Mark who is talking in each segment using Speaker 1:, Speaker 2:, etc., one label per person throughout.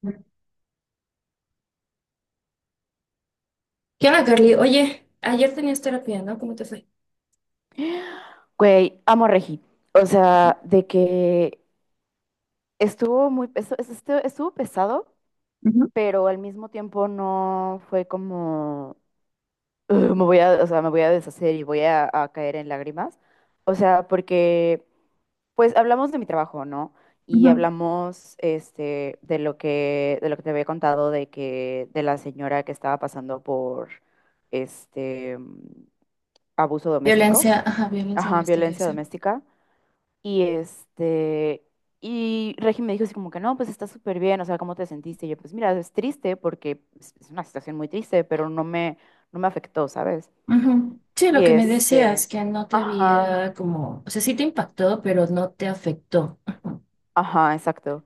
Speaker 1: ¿Qué onda, Carly? Oye, ayer tenías terapia, ¿no? ¿Cómo te fue?
Speaker 2: Güey, amo a Regi. O sea, de que estuvo muy, estuvo pesado,
Speaker 1: Ujú,
Speaker 2: pero al mismo tiempo no fue como, "Ugh, me voy a, me voy a deshacer y voy a caer en lágrimas. O sea, porque, pues, hablamos de mi trabajo, ¿no? Y
Speaker 1: ujú.
Speaker 2: hablamos, de lo que te había contado de la señora que estaba pasando por, este, abuso doméstico,
Speaker 1: Violencia, ajá, violencia
Speaker 2: ajá,
Speaker 1: doméstica,
Speaker 2: violencia
Speaker 1: ese.
Speaker 2: doméstica. Y este, y Regi me dijo así como que no, pues está súper bien, o sea, ¿cómo te sentiste? Y yo, pues mira, es triste porque es una situación muy triste, pero no me afectó, ¿sabes?
Speaker 1: Ujú. Sí, lo
Speaker 2: Y
Speaker 1: que me decías,
Speaker 2: este,
Speaker 1: que no te
Speaker 2: ajá,
Speaker 1: había como, o sea, sí te impactó, pero no te afectó. Ujú.
Speaker 2: ajá, exacto.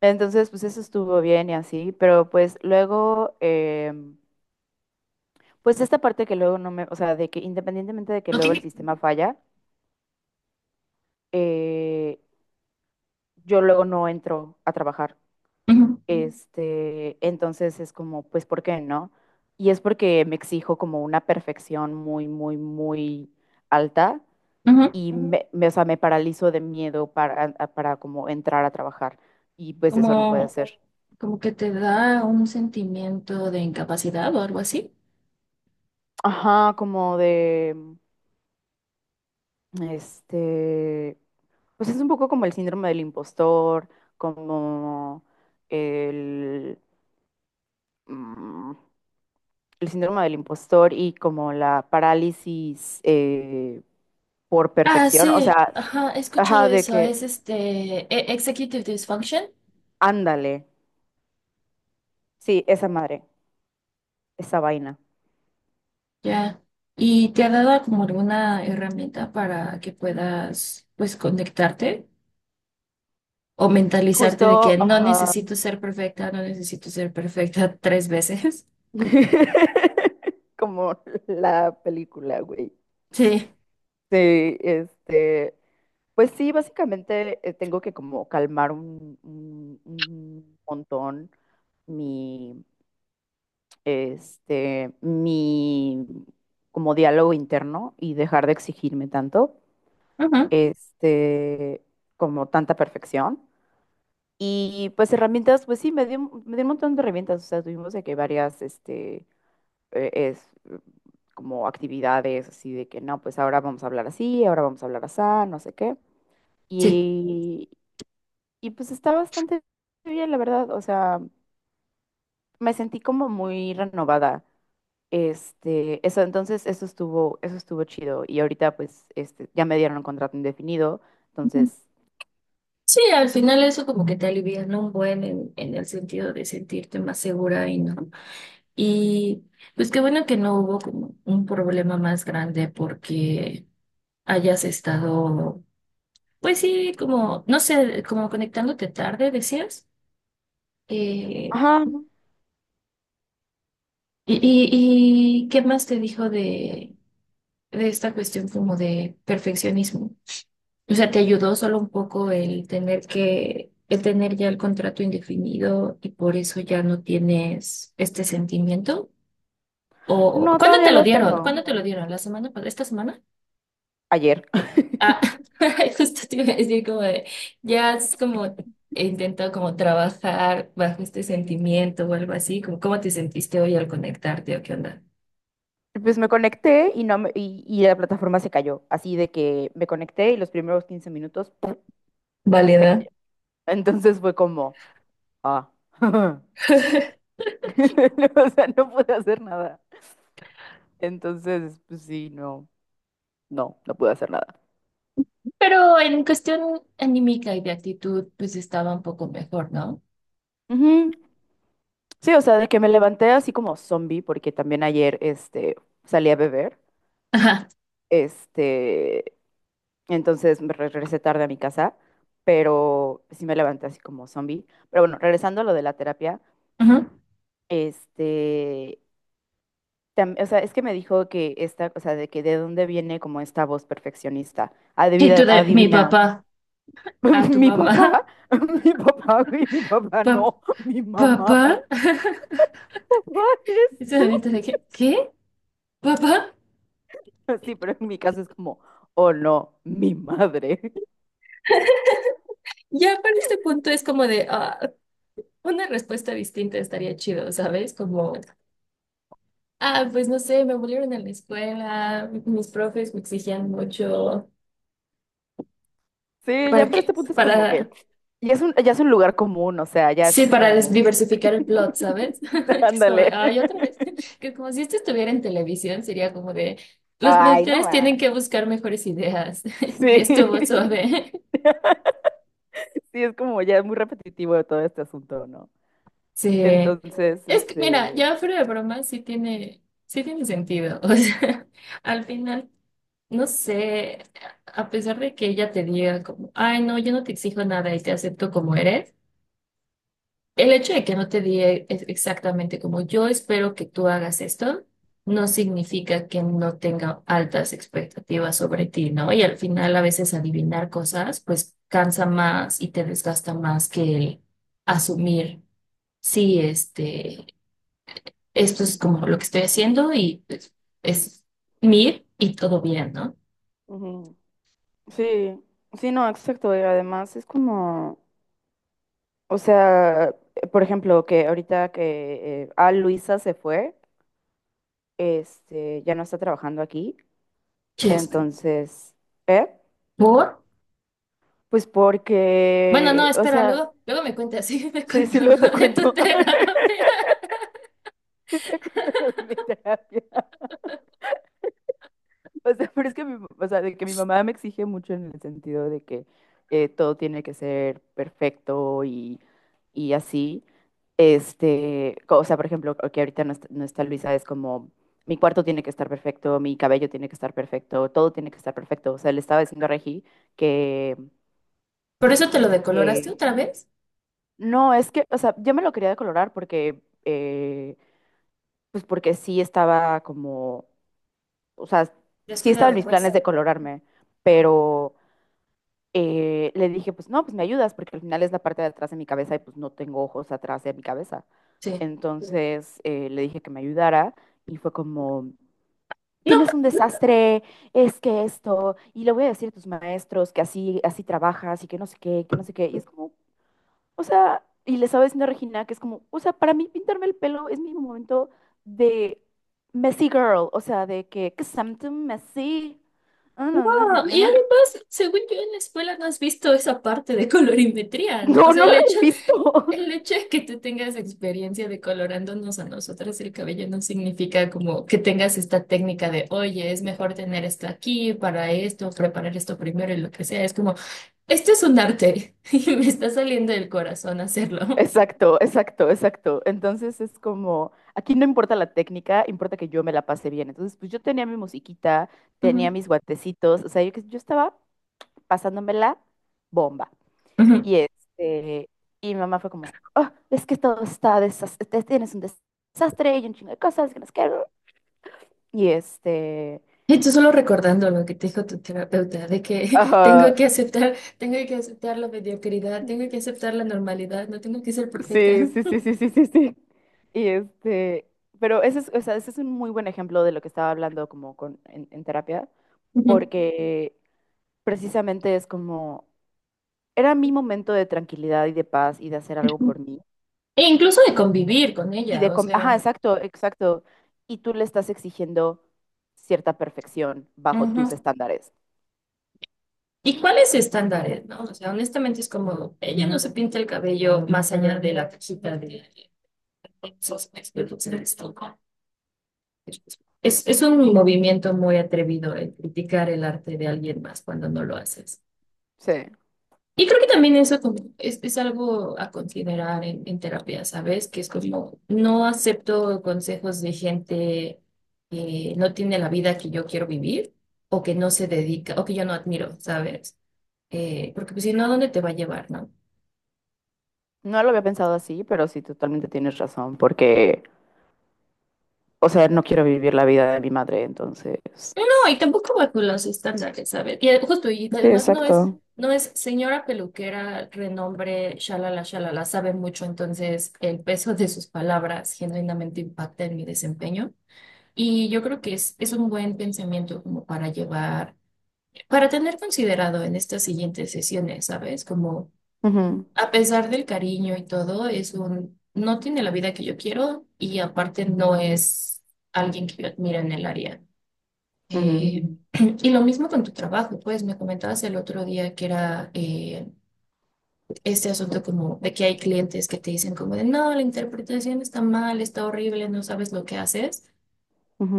Speaker 2: Entonces, pues eso estuvo bien y así, pero pues luego, pues esta parte que luego no me, o sea, de que independientemente de que
Speaker 1: No
Speaker 2: luego el
Speaker 1: tiene.
Speaker 2: sistema falla, eh, yo luego no entro a trabajar.
Speaker 1: Ujú,
Speaker 2: Entonces es como, pues, ¿por qué no? Y es porque me exijo como una perfección muy, muy, muy alta
Speaker 1: ujú.
Speaker 2: y Ujú. O sea, me paralizo de miedo para, para como entrar a trabajar. Y pues eso no puede
Speaker 1: Como,
Speaker 2: ser.
Speaker 1: como que te da un sentimiento de incapacidad o algo así.
Speaker 2: Ajá, como de, este, pues es un poco como el síndrome del impostor, como el, mm, el síndrome del impostor y como la parálisis por
Speaker 1: Ah,
Speaker 2: perfección. O
Speaker 1: sí,
Speaker 2: sea,
Speaker 1: ajá, he escuchado
Speaker 2: ajá, de
Speaker 1: eso,
Speaker 2: que,
Speaker 1: es este Executive Dysfunction,
Speaker 2: ándale. Sí, esa madre, esa vaina.
Speaker 1: ya. Y te ha dado como alguna herramienta para que puedas, pues, conectarte, o mentalizarte de que
Speaker 2: Justo,
Speaker 1: no
Speaker 2: ajá.
Speaker 1: necesito ser perfecta, no necesito ser perfecta tres veces.
Speaker 2: Como la película, güey.
Speaker 1: Sí,
Speaker 2: Sí, pues sí, básicamente tengo que como calmar un montón mi, mi como diálogo interno y dejar de exigirme tanto,
Speaker 1: ujú.
Speaker 2: este, como tanta perfección. Y pues herramientas, pues sí, me dio un montón de herramientas, o sea, tuvimos de que varias, eh, es, como actividades así de que no, pues ahora vamos a hablar así, ahora vamos a hablar así, no sé qué.
Speaker 1: Sí.
Speaker 2: Y, y pues está bastante bien, la verdad, o sea, me sentí como muy renovada. Eso entonces, eso estuvo chido. Y ahorita, pues, ya me dieron un contrato indefinido.
Speaker 1: Ujú.
Speaker 2: Entonces,
Speaker 1: Sí, al final eso como que te alivia, ¿no? Un buen en el sentido de sentirte más segura y no. Y pues qué bueno que no hubo como un problema más grande porque hayas estado, pues sí, como, no sé, como conectándote tarde, decías. Eh,
Speaker 2: ajá,
Speaker 1: ujú. y, ¿Y qué más te dijo de esta cuestión como de perfeccionismo? O sea, ¿te ayudó solo un poco el tener que, el tener ya el contrato indefinido y por eso ya no tienes este sentimiento? ¿O
Speaker 2: no,
Speaker 1: cuándo
Speaker 2: todavía
Speaker 1: te lo
Speaker 2: lo
Speaker 1: dieron?
Speaker 2: tengo.
Speaker 1: ¿Cuándo te lo dieron? ¿La semana ¿Esta semana?
Speaker 2: Ayer.
Speaker 1: Ah, justo te iba a decir como de, ya es como he intentado como trabajar bajo este sentimiento o algo así, como cómo te sentiste hoy al conectarte o qué onda.
Speaker 2: Pues me conecté y no me- y la plataforma se cayó. Así de que me conecté y los primeros 15 minutos, ¡pum! Se
Speaker 1: Válida.
Speaker 2: cayó. Entonces fue como, ah. O sea, no pude hacer nada. Entonces, pues sí, no, no, no pude hacer nada.
Speaker 1: Pero en cuestión anímica y de actitud, pues estaba un poco mejor, ¿no?
Speaker 2: Ujú. Sí, o sea, de que me levanté así como zombie, porque también ayer salí a beber.
Speaker 1: Ajá.
Speaker 2: Este, entonces me regresé tarde a mi casa, pero sí me levanté así como zombie. Pero bueno, regresando a lo de la terapia,
Speaker 1: Ujú.
Speaker 2: este, o sea, es que me dijo que o sea, de que de dónde viene como esta voz perfeccionista.
Speaker 1: Y
Speaker 2: Adivina,
Speaker 1: tú de mi
Speaker 2: adivina,
Speaker 1: papá a tu
Speaker 2: mi papá,
Speaker 1: mamá.
Speaker 2: mi papá, güey, mi papá
Speaker 1: Pa-
Speaker 2: no, mi mamá,
Speaker 1: ¿Papá?
Speaker 2: papá eres
Speaker 1: Y ese
Speaker 2: tú.
Speaker 1: momento de que, ¿qué? ¿Papá?
Speaker 2: Sí, pero en mi caso es como, oh no, mi madre.
Speaker 1: Ya para este punto es como de, ah, una respuesta distinta estaría chido, ¿sabes? Como, ah, pues no sé, me volvieron a la escuela, mis profes me exigían mucho.
Speaker 2: Sí, ya
Speaker 1: ¿Para
Speaker 2: para
Speaker 1: qué?
Speaker 2: este punto es como que
Speaker 1: Para...
Speaker 2: ya es un lugar común, o sea, ya es
Speaker 1: Sí, para
Speaker 2: como,
Speaker 1: diversificar el plot, ¿sabes? Que es como de,
Speaker 2: ándale.
Speaker 1: ay, otra vez. Que como si esto estuviera en televisión, sería como de, los
Speaker 2: Ay, no
Speaker 1: productores tienen
Speaker 2: más.
Speaker 1: que buscar mejores ideas. Y
Speaker 2: Sí.
Speaker 1: estuvo suave.
Speaker 2: Sí, es como ya muy repetitivo de todo este asunto, ¿no?
Speaker 1: Sí.
Speaker 2: Entonces,
Speaker 1: Es que, mira, ya fuera de broma, sí tiene sentido. O sea, al final, no sé, a pesar de que ella te diga como, ay, no, yo no te exijo nada y te acepto como eres. El hecho de que no te diga exactamente como yo espero que tú hagas esto, no significa que no tenga altas expectativas sobre ti, ¿no? Y al final a veces adivinar cosas, pues cansa más y te desgasta más que el asumir, sí, este, esto es como lo que estoy haciendo y pues, es mir y todo bien, ¿no?
Speaker 2: Ujú. Sí, sí, no, exacto. Y además es como, o sea, por ejemplo, que ahorita que Luisa se fue, ya no está trabajando aquí.
Speaker 1: Chévere.
Speaker 2: Entonces, ¿eh?
Speaker 1: ¿Por?
Speaker 2: Pues
Speaker 1: Bueno, no,
Speaker 2: porque, o
Speaker 1: espera,
Speaker 2: sea,
Speaker 1: luego me cuentas, sígueme
Speaker 2: sí, sí,
Speaker 1: contando
Speaker 2: luego te
Speaker 1: de tu
Speaker 2: cuento.
Speaker 1: terapia.
Speaker 2: Sí te cuento lo de mi terapia. O sea, pero es que mi, o sea, de que mi mamá me exige mucho en el sentido de que todo tiene que ser perfecto y así. O sea, por ejemplo, que ahorita no está Luisa, es como, mi cuarto tiene que estar perfecto, mi cabello tiene que estar perfecto, todo tiene que estar perfecto. O sea, le estaba diciendo a Regi que,
Speaker 1: ¿Por eso te lo decoloraste otra vez?
Speaker 2: no, es que, o sea, yo me lo quería decolorar porque, pues porque sí estaba como, o sea, sí estaba en
Speaker 1: Descuidado,
Speaker 2: mis
Speaker 1: pues.
Speaker 2: planes de colorarme, pero le dije, pues no, pues me ayudas porque al final es la parte de atrás de mi cabeza y pues no tengo ojos atrás de mi cabeza.
Speaker 1: Sí.
Speaker 2: Entonces le dije que me ayudara y fue como,
Speaker 1: No,
Speaker 2: tienes un desastre, es que esto, y le voy a decir a tus maestros que así, así trabajas y que no sé qué, que no sé qué. Y es como, o sea, y le estaba diciendo a Regina que es como, o sea, para mí pintarme el pelo es mi momento de messy girl, o sea, de que something messy, ah, no, no, you
Speaker 1: y
Speaker 2: know.
Speaker 1: además, según yo en la escuela no has visto esa parte de colorimetría, ¿no? O
Speaker 2: No,
Speaker 1: sea,
Speaker 2: no lo
Speaker 1: el hecho.
Speaker 2: he visto.
Speaker 1: El hecho de que tú tengas experiencia de colorándonos a nosotras el cabello no significa como que tengas esta técnica de, oye, es mejor tener esto aquí para esto, preparar esto primero y lo que sea. Es como, esto es un arte y me está saliendo del corazón hacerlo.
Speaker 2: Exacto, exacto, exacto. Entonces es como, aquí no importa la técnica, importa que yo me la pase bien. Entonces, pues yo tenía mi musiquita, tenía
Speaker 1: Ujú,
Speaker 2: mis guatecitos, o sea, yo estaba pasándomela bomba.
Speaker 1: ujú.
Speaker 2: Y, este, y mi mamá fue como, "Ah, es que todo está desastre, tienes un desastre y un chingo de cosas que no sé. Y este,
Speaker 1: Y tú solo recordando lo que te dijo tu terapeuta, de que
Speaker 2: ajá,
Speaker 1: tengo que aceptar la mediocridad, tengo que aceptar la normalidad, no tengo que ser perfecta.
Speaker 2: sí, sí, sí, sí, sí, sí, sí. Y este, pero ese es, o sea, ese es un muy buen ejemplo de lo que estaba hablando como en terapia,
Speaker 1: Ujú,
Speaker 2: porque precisamente es como, era mi momento de tranquilidad y de paz y de hacer algo
Speaker 1: ujú.
Speaker 2: por mí.
Speaker 1: E incluso de convivir con ella, o
Speaker 2: Ajá,
Speaker 1: sea.
Speaker 2: exacto, exacto. Y tú le estás exigiendo cierta perfección bajo
Speaker 1: Ujú.
Speaker 2: tus estándares.
Speaker 1: ¿Y cuáles estándares, no? O sea, honestamente es como, ella no se pinta el cabello más allá de la cajita de esos expertos en esto. Es un movimiento muy atrevido el criticar el arte de alguien más cuando no lo haces.
Speaker 2: Sí.
Speaker 1: Y creo que también eso como es algo a considerar en terapia, ¿sabes? Que es como, no acepto consejos de gente que no tiene la vida que yo quiero vivir o que no se dedica o que yo no admiro, ¿sabes? Porque pues, si no, ¿a dónde te va a llevar, no?
Speaker 2: No lo había pensado así, pero sí, totalmente tienes razón, porque, o sea, no quiero vivir la vida de mi madre, entonces.
Speaker 1: No, no, y tampoco bajo los estándares, ¿sabes? Y justo, y
Speaker 2: Sí,
Speaker 1: además
Speaker 2: exacto.
Speaker 1: no es señora peluquera, renombre, shalala, shalala, sabe mucho, entonces el peso de sus palabras genuinamente impacta en mi desempeño. Y yo creo que es un buen pensamiento como para llevar, para tener considerado en estas siguientes sesiones, ¿sabes? Como
Speaker 2: Ujú,
Speaker 1: a pesar del cariño y todo, es un, no tiene la vida que yo quiero y aparte no es alguien que yo admiro en el área.
Speaker 2: ujú,
Speaker 1: Eh, y lo mismo con tu trabajo, pues me comentabas el otro día que era este asunto como de que hay clientes que te dicen como de no, la interpretación está mal, está horrible, no sabes lo que haces,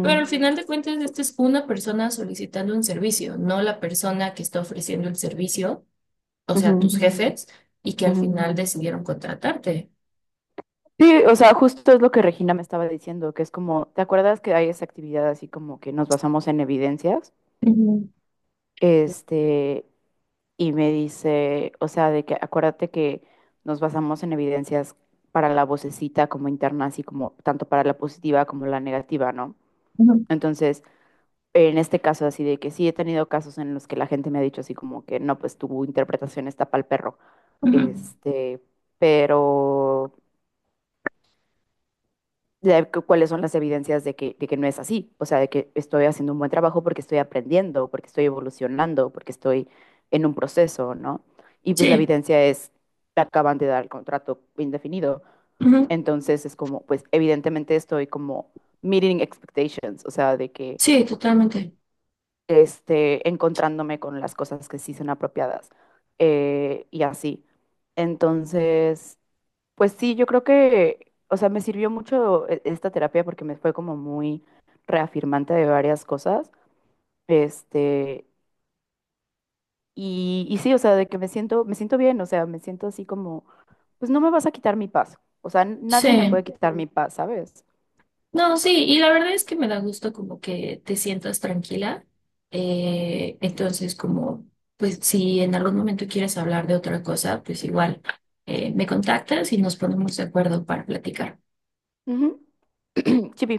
Speaker 1: pero al final de cuentas esta es una persona solicitando un servicio, no la persona que está ofreciendo el servicio, o sea, tus
Speaker 2: ujú,
Speaker 1: Ujú. Jefes, y que al
Speaker 2: ujú.
Speaker 1: final decidieron contratarte.
Speaker 2: Sí, o sea, justo es lo que Regina me estaba diciendo, que es como, ¿te acuerdas que hay esa actividad así como que nos basamos en evidencias? Este, y me dice, o sea, de que acuérdate que nos basamos en evidencias para la vocecita como interna, así como tanto para la positiva como la negativa, ¿no?
Speaker 1: Ujú,
Speaker 2: Entonces, en este caso así de que sí he tenido casos en los que la gente me ha dicho así como que no, pues tu interpretación está pal perro,
Speaker 1: ujú. Ujú.
Speaker 2: este, pero de cuáles son las evidencias de que no es así, o sea, de que estoy haciendo un buen trabajo porque estoy aprendiendo, porque estoy evolucionando, porque estoy en un proceso, ¿no? Y pues la
Speaker 1: Sí,
Speaker 2: evidencia es, te acaban de dar el contrato indefinido,
Speaker 1: ujú.
Speaker 2: entonces es como, pues evidentemente estoy como meeting expectations, o sea, de que
Speaker 1: Sí, totalmente.
Speaker 2: encontrándome con las cosas que sí son apropiadas y así. Entonces, pues sí, yo creo que, o sea, me sirvió mucho esta terapia porque me fue como muy reafirmante de varias cosas. Este, y sí, o sea, de que me siento bien, o sea, me siento así como, pues no me vas a quitar mi paz. O sea,
Speaker 1: Sí.
Speaker 2: nadie me puede quitar mi paz, ¿sabes?
Speaker 1: No, sí, y la verdad es que me da gusto como que te sientas tranquila. Entonces, como, pues si en algún momento quieres hablar de otra cosa, pues igual me contactas y nos ponemos de acuerdo para platicar.
Speaker 2: Ujú. Chipi.